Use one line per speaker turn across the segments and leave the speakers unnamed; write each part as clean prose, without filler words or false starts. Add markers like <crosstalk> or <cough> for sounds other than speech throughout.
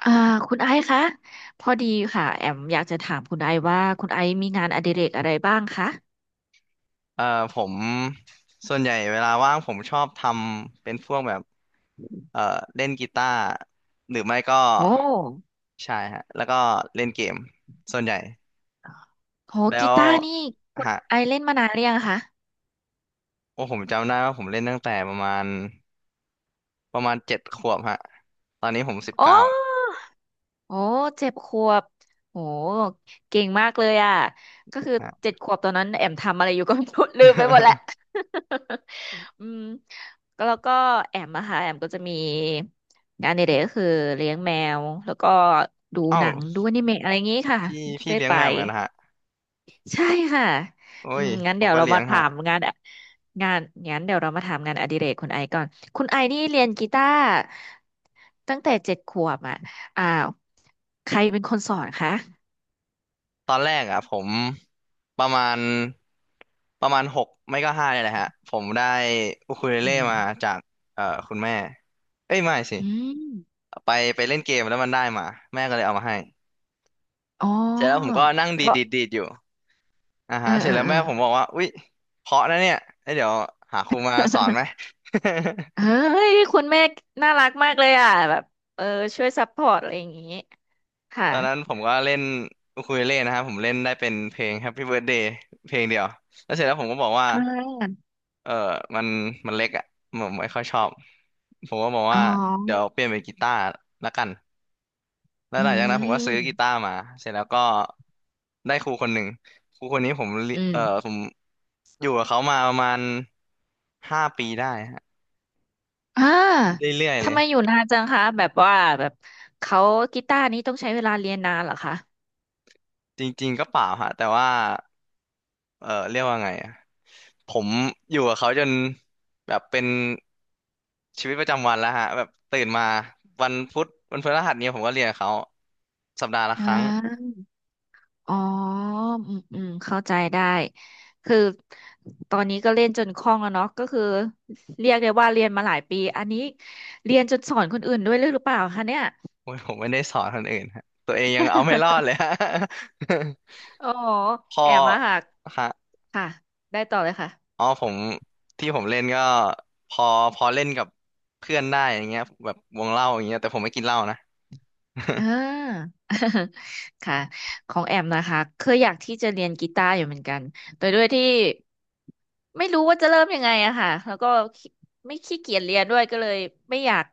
อ่าคุณไอซ์คะพอดีค่ะแอมอยากจะถามคุณไอซ์ว่าคุณไอซ์มีงานอดิเรกอะไรบ้างคะ
เอ่อผมส่วนใหญ่เวลาว่างผมชอบทำเป็นพวกแบบเอ่อเล่นกีตาร์หรือไม่ก็
โอ้
ใช่ฮะแล้วก็เล่นเกมส่วนใหญ่
โห
แล้
กี
ว
ตาร์นี่คุณ
ฮะ
ไอซ์เล่นมานานหรือยังคะ
โอ้ผมจำได้ว่าผมเล่นตั้งแต่ประมาณ7 ขวบฮะตอนนี้ผมสิบ
โอ
เก้า
้โอ้เจ็ดขวบโอ้เก่งมากเลยอ่ะก็คือ
ฮะ
เจ็ดขวบตอนนั้นแอมทำอะไรอยู่ก็ <laughs> ไม่รู้ลืมไปหมดแล้ว
<laughs>
<laughs> อืมก็แล้วก็แอมนะคะแอมก็จะมีงานในเด็กก็คือเลี้ยงแมวแล้วก็ดู
เอ้า
หนังดูอนิเมะอะไรอย่างงี้ค่ะ
พี่
เรื่อย
เลี้ยง
ไป
แมวเหมือนกันนะฮะ
ใช่ค่ะ
โอ้
อื
ย
มงั้น
ผ
เดี๋
ม
ยว
ก็
เรา
เลี้ย
มา
ง
ถา
ฮะ
มงานงั้นเดี๋ยวเรามาถามงานอดิเรกคุณไอก่อนคุณไอนี่เรียนกีตาร์ตั้งแต่เจ็ดขวบอ่ะอ้าวใครเป็นคนสอนคะ
ตอนแรกอ่ะผมประมาณ6 ไม่ก็ 5เนี่ยแหละฮะผมได้อูคูเล
อื
เล่
ม
มาจากคุณแม่ เอ้ยไม่สิ
อืมอืม
ไปไปเล่นเกมแล้วมันได้มาแม่ก็เลยเอามาให้
อ๋อ
เสร็จแล้วผมก็นั่ง
แล้
ดีด
ว
ดีดดีดอยู่อ่า
เอ
ฮะ
อ
เสร็
เอ
จ
อ
แล้ว
เออ
แม่ผมบอกว่าอุ๊ยเพราะนะเนี่ยเอ้ยเดี๋ยวหาครูมาสอนไหม
<laughs>
<laughs>
เฮ้ย คุณแม่น่ารักมากเลยอ่ะแบบเออช่วยซัพพอร์ตอะไรอย่างงี้ค่ะ
ตอนนั้นผมก็เล่นอูคูเลเล่นะครับผมเล่นได้เป็นเพลง Happy Birthday เพลงเดียวแล้วเสร็จแล้วผมก็บอกว่า
อ่า
เออมันมันเล็กอ่ะผมไม่ค่อยชอบผมก็บอก
อ๋อ
ว่าเดี๋ยวเปลี่ยนเป็นกีตาร์ละกันแล้ว
อื
หลังจากนั้นผมก็ซื้อกีตา
ม
ร์มาเสร็จแล้วก็ได้ครูคนหนึ่งครูคนนี้ผมเรี
อื
เออ
ม
ผมอยู่กับเขามาประมาณ5 ปีได้ฮะ
อ่า
เรื่อยๆเล
ทำ
ย
ไมอยู่นานจังคะแบบว่าแบบเขากีตาร์นี้ต้องใช้เวลาเรียนนานเหรอคะ
จริงๆก็เปล่าฮะแต่ว่า เออเรียกว่าไงอะผมอยู่กับเขาจนแบบเป็นชีวิตประจำวันแล้วฮะแบบตื่นมาวันพุธวันพฤหัสเนี่ยผมก็เรียนกับเขาสัปดาห์ละ
อ่
ครั้ง
าอ๋ออืมอืมเข้าใจได้คือตอนนี้ก็เล่นจนคล่องแล้วเนาะก็คือเรียกได้ว่าเรียนมาหลายปีอันนี้เรียนจนสอนคนอื่นด้วยหรือเปล่าคะเนี่ย
โอ้ยผมไม่ได้สอนคนอื่นฮะตัวเองยังเอาไม่รอดเล
<laughs>
ยฮะ
โอ้ <laughs> โห
<laughs> พอ
แอบมาหัก
ฮะ
ค่ะได้ต่อเลยค่ะ
อ๋อผมที่ผมเล่นก็พอพอเล่นกับเพื่อนได้อย่างเงี้ยแบบวงเล่าอย่างเงี้ยแต่ผมไม่กินเหล้านะ
อ่า <laughs> ค่ะของแอมนะคะเคยอยากที่จะเรียนกีตาร์อยู่เหมือนกันแต่ด้วยที่ไม่รู้ว่าจะเริ่มยังไงอะค่ะแล้วก็ขี้ไม่ขี้เกียจเรียนด้วยก็เลยไม่อยาก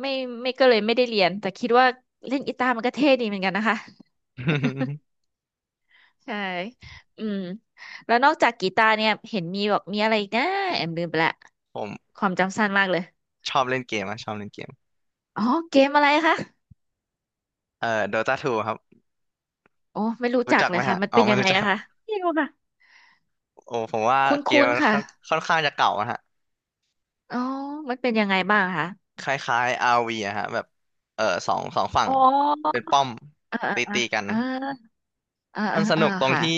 ไม่ไม่ก็เลยไม่ได้เรียนแต่คิดว่าเล่นกีตาร์มันก็เท่ดีเหมือนกันนะคะ <laughs> ใช่อืมแล้วนอกจากกีตาร์เนี่ยเห็นมีบอกมีอะไรอีกนะแอมลืมไปละ
<laughs> ผม
ความจำสั้นมากเลย
ชอบเล่นเกมอะชอบเล่นเกม
อ๋อเกมอะไรคะ
โดตาทูครับ
โอ้ไม่รู้
รู้
จัก
จัก
เล
ไหม
ยค่ะ
ฮะ
มัน
อ๋อ
เป็น
ไม่
ยังไง
รู้จั
อะ
ก
คะไม่รู้ค่ะ
โอ้ผมว่า
ค
เกม
ุ้น
มัน
ๆค่ะ
ค่อนข้างจะเก่าอะฮะ
อ๋อมันเป็นยังไงบ้างคะ
คล้ายๆอาร์วีอะฮะแบบเออสองฝั่ง
อ๋อ
เป็นป้อม
อ่าอ่า
ตีกัน
อ่าอ่า
มัน
อ่า
สนุ
อ่า
กตรง
ค่ะ
ที่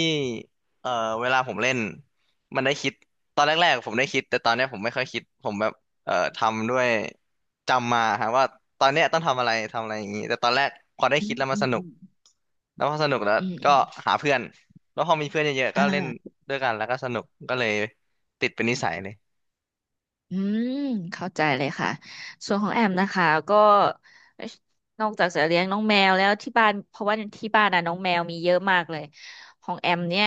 เอ่อเวลาผมเล่นมันได้คิดตอนแรกๆผมได้คิด แต่ตอนเนี้ยผมไม่ค่อยคิดผมแบบทำด้วยจำมาฮะว่าตอนเนี้ยต้องทำอะไรทำอะไรอย่างงี้แต่ตอนแรกพอได้
อื
คิด
ม
แล้วมั
อื
นส
ม
นุ
อื
ก
ม
แล้วพอสนุกแล้ว
อืม
ก็
อืม
หาเพื่อนแล้วพอมีเพื่อนเยอะๆ
อ่
ก็เล่น
า
ด้วยกันแล้วก็สนุกก็เลยติดเป็นนิสัยเลย
อืมเข้าใจเลยค่ะส่วนของแอมนะคะก็นอกจากจะเลี้ยงน้องแมวแล้วที่บ้านเพราะว่าที่บ้านน่ะน้องแมวมีเยอะมากเลยของแอมเนี่ย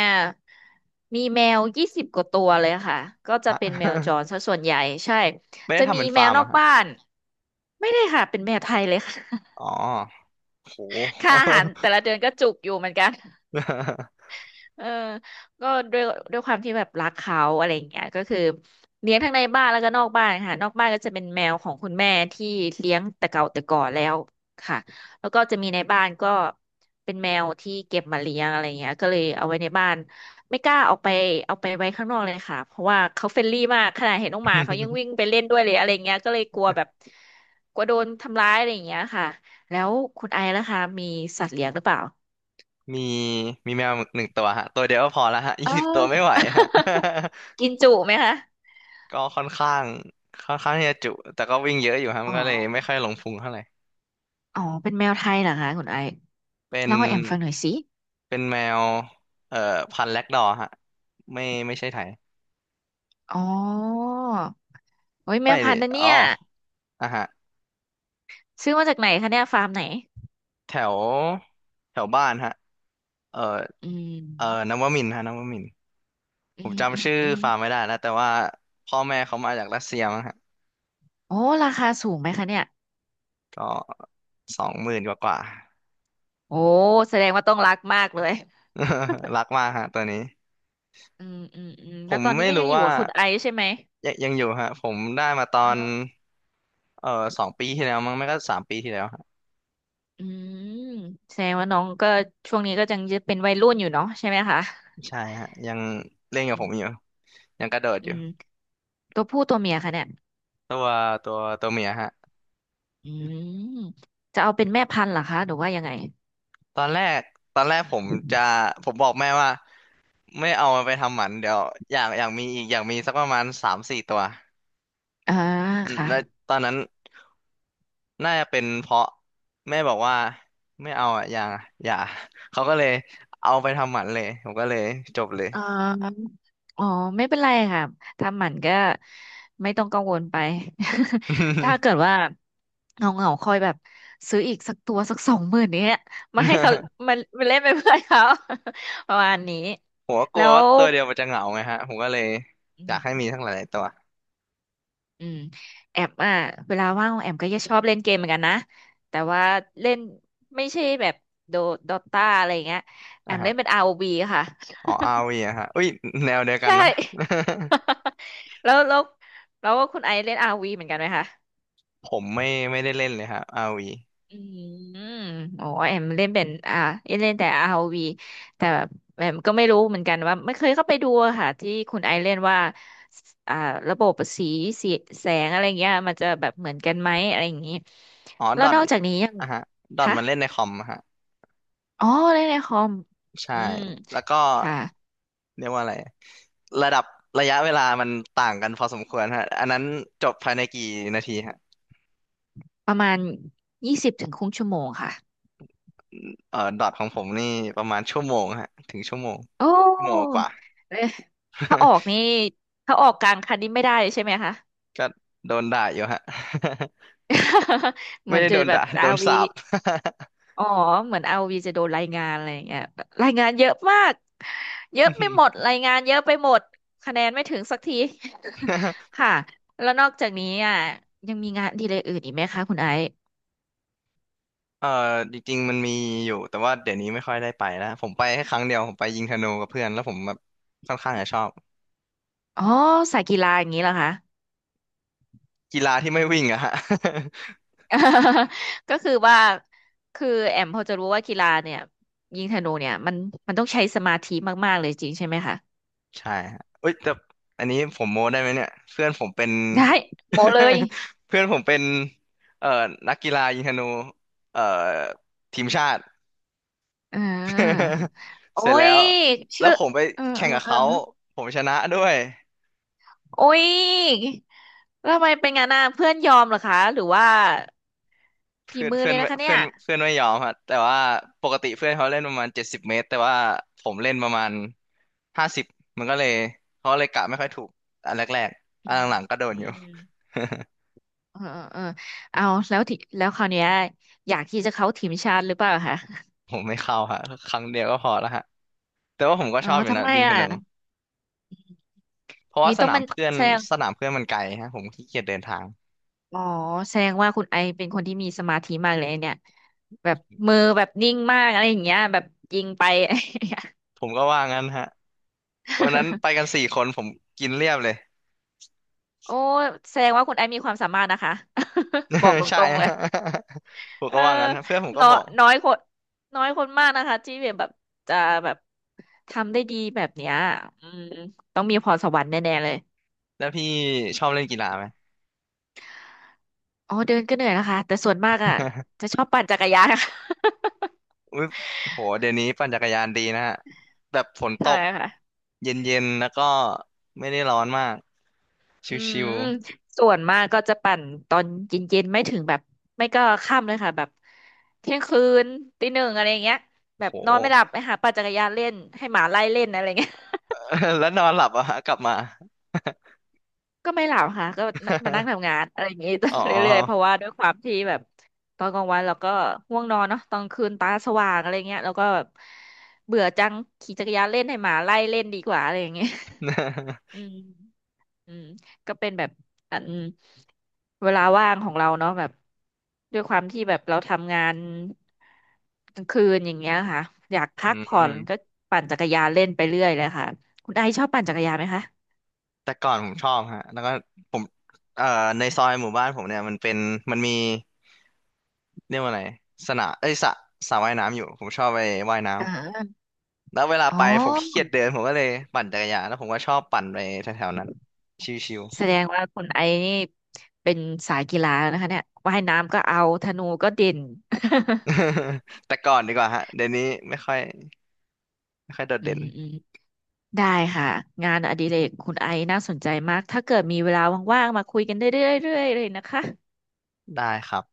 มีแมวยี่สิบกว่าตัวเลยค่ะก็จะ
อะ
เป็นแมวจรซะส่วนใหญ่ใช่
<laughs> ไม่ได้
จะ
ทำ
มี
เป็น
แม
ฟา
ว
ร์ม
นอ
อะ
ก
ฮะ
บ้านไม่ได้ค่ะเป็นแมวไทยเลยค่ะ
อ๋อโห
ค่าอาหารแต่ละเดือนก็จุกอยู่เหมือนกัน <laughs> เออก็ด้วยด้วยความที่แบบรักเขาอะไรอย่างเงี้ยก็คือเลี้ยงทั้งในบ้านแล้วก็นอกบ้านค่ะนอกบ้านก็จะเป็นแมวของคุณแม่ที่เลี้ยงแต่เก่าแต่ก่อนแล้วค่ะแล้วก็จะมีในบ้านก็เป็นแมวที่เก็บมาเลี้ยงอะไรเงี้ยก็เลยเอาไว้ในบ้านไม่กล้าเอาไปไว้ข้างนอกเลยค่ะเพราะว่าเขาเฟรนลี่มากขนาดเห็นน้องหมาเขายังวิ่
<laughs>
งไปเล่นด้วยเลยอะไรเงี้ยก็เลยกลัวแบบกลัวโดนทำร้ายอะไรอย่างเงี้ยค่ะแล้วคุณไอซ์ล่ะคะมีสัตว์เลี้ยงหรือเปล่า
มีมีแมว1 ตัวฮะตัวเดียวก็พอแล้วฮะ <laughs>
เอ
20 ตัวไม่
อ
ไหวฮะ
<laughs> กินจุไหมคะ
<laughs> ก็ค่อนข้างที่จะจุแต่ก็วิ่งเยอะอยู่ฮะ
อ๋
มั
อ
นก็เลยไม่ค่อยหลงพุงเท่าไหร่
อ๋อเป็นแมวไทยเหรอคะคุณไอซ์
เป็น
เล่าให้แอมฟังหน่อยสิ
แมวเอ่อพันธุ์แล็กดอร์ฮะไม่ไม่ใช่ไทย
อ๋อโอ้ยแม
ไม่
วพั
ดิ
นธุ์นะ
อ๋อ
เนี่ย
อ่ะฮะ
ซื้อมาจากไหนคะเนี่ยฟาร์มไหน
แถวแถวบ้านฮะเอ่อ
อื
เอ่อ
ม
นวมินทร์ฮะนวมินทร์
อื
ผม
มอื
จำ
ม
ชื่อ
อืม
ฟาร์มไม่ได้แล้วแต่ว่าพ่อแม่เขามาจากรัสเซียมั้งฮะ
โอ้ราคาสูงไหมคะเนี่ย
ก็20,000กว่า
โอ้แสดงว่าต้องรักมากเลย
<laughs> รักมากฮะตัวนี้
อืมอืมอืม
ผ
แล้ว
ม
ตอนนี้
ไม่
ก็ยั
รู้
งอยู่
ว่า
กับคุณไอซ์ใช่ไหม
ยังอยู่ฮะผมได้มาต
อ๋
อ
อ
นเอ่อ2 ปีที่แล้วมั้งไม่ก็3 ปีที่แล้วฮะ
อืมแสดงว่าน้องก็ช่วงนี้ก็ยังจะเป็นวัยรุ่นอยู่เนาะใช่ไหมคะ
ใช่ฮะยังเล่นกั
อื
บผมอยู่
ม
ยังกระโดดอ
อื
ยู่
มตัวผู้ตัวเมียคะเนี่ย
ตัวตัวเมียฮะ
อืมจะเอาเป็นแม่พันธุ์เหรอคะหรือว่ายังไง
ตอนแรกตอนแรกผมจะผมบอกแม่ว่าไม่เอามันไปทำหมันเดี๋ยวอยากมีอีกอยากมีสักประมาณ3-4 ตัว
อ่า
อืม
ค่ะ
แล้วตอนนั้นน่าจะเป็นเพราะแม่บอกว่าไม่เอาอ่ะอย่าเขาก็เลยเอาไปทำหมันเลยผมก็เลยจบเลย
อ่าอ๋อไม่เป็นไรค่ะทำหมันก็ไม่ต้องกังวลไป <laughs> ถ้า
<laughs>
เกิดว่าเงาเงาคอยแบบซื้ออีกสักตัวสัก20,000เนี้ยมาให้เขา
<laughs>
มามาเล่นเป็นเพื่อนเขา <laughs> ประมาณนี้
ผมก็ก
แล้
ลัว
ว
ว่าตัวเดียวมันจะเหงาไงฮะผมก็เลยอยากให้มีทั้งหลายๆตัว
อืมแอมอ่ะเวลาว่างของแอมก็จะชอบเล่นเกมเหมือนกันนะแต่ว่าเล่นไม่ใช่แบบโดดอตาอะไรอย่างเงี้ยแอ
นะ
ม
ฮะ
เล่นเป็น ROV ค่ะ
อ๋อ RV อะฮะอุ้ยแนวเดียว
<laughs>
กัน
ใช่
นะ
<laughs> แล้วแล้วแล้วคุณไอซ์เล่น ROV เหมือนกันไหมคะ
<laughs> ผมไม่ได้เล่นเลยฮะ RV
อืมโอ้แอมเล่นเป็นอ่าเล่นแต่ r ว v แต่แอมก็ไม่รู้เหมือนกันว่าไม่เคยเข้าไปดูอะค่ะที่คุณไอเล่นว่าอ่าระบบสีแสงอะไรเงี้ยมันจะแบบเหมือนกันไหมอะไรอย่างนี้
อ๋อ
แล้
ด
ว
อท
นอกจากนี้ยัง
อ่ะฮะดอท
คะ
มันเล่นในคอมอะฮะ
อ๋อเล่นในคอม
ใช่
อืม
แล้วก็
ค่ะ
เรียกว่าอะไรระดับระยะเวลามันต่างกันพอสมควรฮะอันนั้นจบภายในกี่นาทีฮะ
ประมาณยี่สิบถึงครึ่งชั่วโมงค่ะ
เอ่อดอทของผมนี่ประมาณชั่วโมงฮะถึง
โอ้
ชั่วโมงกว่า
เอ๊ะถ้าออกนี่ถ้าออกกลางคันนี้ไม่ได้ใช่ไหมคะ
<laughs> ก็โดนด่าอยู่ฮะ <laughs>
<laughs> เห
ไม่
มือน
ได้
จะ
โดน
แบบ
ด่า <laughs> โด
อาร์
น
โอวี
สาป <laughs>
อ๋อเหมือนเอาวีจะโดนรายงานอะไรอย่างเงี้ยแบบรายงานเยอะมากเยอะ
อื
ไป
ม
หมดรายงานเยอะไปหมดคะแนนไม่ถึงสักที
<laughs>
<laughs> ค่ะแล้วนอกจากนี้อ่ะยังมีงานอดีเลยอื่นอีกไหมคะคุณไอซ์
เออจริงๆมันมีอยู่แต่ว่าเดี๋ยวนี้ไม่ค่อยได้ไปแล้วผมไปแค่ครั้งเดียวผมไปยิงธนูกับเพื่อนแล้วผมแบบค่อนข้างจะชอบ
อ๋อสายกีฬาอย่างนี้เหรอคะ
กีฬาที่ไม่วิ่งอะฮะ
<laughs> ก็คือว่าคือแอมพอจะรู้ว่ากีฬาเนี่ยยิงธนูเนี่ยมันต้องใช้สมาธิมากๆเลยจริงใช่ไหมคะ
<laughs> ใช่ฮะเอ้ยแต่อันนี้ผมโม้ได้ไหมเนี่ยเพื่อนผมเป็น
ได้โมเลย
<laughs> เพื่อนผมเป็นเอ่อนักกีฬายิงธนูเอ่อทีมชาติ
อ่า
<laughs>
โอ้
เสร็จแล้
ย
วแล้
ชื่
ว
อ
ผมไป
เออ
แข่
เอ
ง
อ
กับ
เออ
เขาผมชนะด้วย
โอ้ยแล้วทำไมเป็นงั้นน่ะเพื่อนยอมเหรอคะหรือว่าฝี
เพื่อน
มือ
เพื่อ
เล
น
ยนะคะเนี่
เพื่อ
ย
นเพื่อนไม่ยอมฮะแต่ว่าปกติเพื่อนเขาเล่นประมาณ70 เมตรแต่ว่าผมเล่นประมาณ50มันก็เลยเขาเลยกะไม่ค่อยถูกอันแรกๆ
อื
อัน
ม
หลังๆก็โดน
อื
อยู่
มเออเออเออเอาแล้วทีแล้วคราวเนี้ยอยากที่จะเข้าทีมชาติหรือเปล่าคะ
<laughs> ผมไม่เข้าฮะครั้งเดียวก็พอแล้วฮะแต่ว่าผมก็
อ๋อ
ชอบอยู่
ทำ
นะ
ไม
ยิงธ
อ่ะ
นูเพราะ
มี
ว่าส
ต้อง
นาม
มัน
เพื่อน
แสดง
สนามเพื่อนมันไกลฮะผมขี้เกียจเดินทาง
อ๋อแสดงว่าคุณไอเป็นคนที่มีสมาธิมากเลยเนี่ยแบบมือแบบนิ่งมากอะไรอย่างเงี้ยแบบยิงไป <laughs> อะไรอย่างเงี้ย
ผมก็ว่างั้นฮะวันนั้นไปกัน4 คนผมกินเรียบเลย
โอ้แสดงว่าคุณไอมีความสามารถนะคะ <laughs> บอกต
<laughs> ใช่
รงๆเลย
ฮะ <laughs> ผม
เออ
ก็ว่างั้นฮะเพื่อนผมก็
น้อ
บ
ย
อก
น้อยคนน้อยคนมากนะคะที่แบบจะแบบทำได้ดีแบบเนี้ยอืมต้องมีพรสวรรค์แน่ๆเลย
แล้วพี่ชอบเล่นกีฬาไหม
อ๋อเดินก็เหนื่อยนะคะแต่ส่วนมากอ่ะ
<laughs>
จะชอบปั่นจักรยาน <laughs> นะค่ะ
อุ๊ยโหเดี๋ยวนี้ปั่นจักรยานดีนะฮะแบบฝน
<laughs>
ต
ใช่
ก
ค่ะ
เย็นๆแล้วก็ไม่ได้ร้อนมากช
อื
ิ
ม
ว
ส่วนมากก็จะปั่นตอนเย็นๆไม่ถึงแบบไม่ก็ค่ำเลยค่ะแบบเที่ยงคืนตี 1อะไรอย่างเงี้ย
ๆ
แบ
โห
บนอนไม่หลับไปหาปั่นจักรยานเล่นให้หมาไล่เล่นอะไรเงี้ย
<laughs> แล้วนอนหลับอะฮะกลับมา
ก็ไม่หลับค่ะก็มานั่งทำงานอะไรอย่างนี้
<laughs> อ๋อ
<laughs> เรื่อยๆเพราะว่าด้วยความที่แบบตอนกลางวันเราก็ง่วงนอนเนาะตอนคืนตาสว่างอะไรเงี้ยแล้วก็แบบเบื่อจังขี่จักรยานเล่นให้หมาไล่เล่นดีกว่าอะไรอย่างเงี้ย <laughs> อื
<laughs>
มอืมก็เป็นแบบอันเวลาว่างของเราเนาะแบบด้วยความที่แบบเราทำงานกลางคืนอย่างเงี้ยค่ะอยากพั
อื
กผ่อนก็
ม
ปั่นจักรยานเล่นไปเรื่อยเลยค่ะคุณไอซ์ชอบปั่นจักรยานไหมคะ
แต่ก่อนผมชอบฮะแล้วก็ผมเอ่อในซอยหมู่บ้านผมเนี่ยมันเป็นมีเรียกว่าอะไรสนามเอ้ยสระว่ายน้ำอยู่ผมชอบไปว่ายน้
อ่า
ำแล้วเวลา
อ๋
ไป
อ
ผมขี้เกียจเดินผมก็เลยปั่นจักรยานแล้วผมก็ชอบปั่นไปแถวๆนั้นชิว
แสดงว่าคุณไอนี่เป็นสายกีฬานะคะเนี่ยว่ายน้ำก็เอาธนูก็เด่น <laughs>
<laughs> แต่ก่อนดีกว่าฮะเดี๋ยวนี้ไม่ค่อยไม่ค่อยโดด
อื
เด่น
มอืมได้ค่ะงานอดิเรกคุณไอน่าสนใจมากถ้าเกิดมีเวลาว่างๆมาคุยกันได้เรื่อยๆเลยนะคะ
ได้ครับ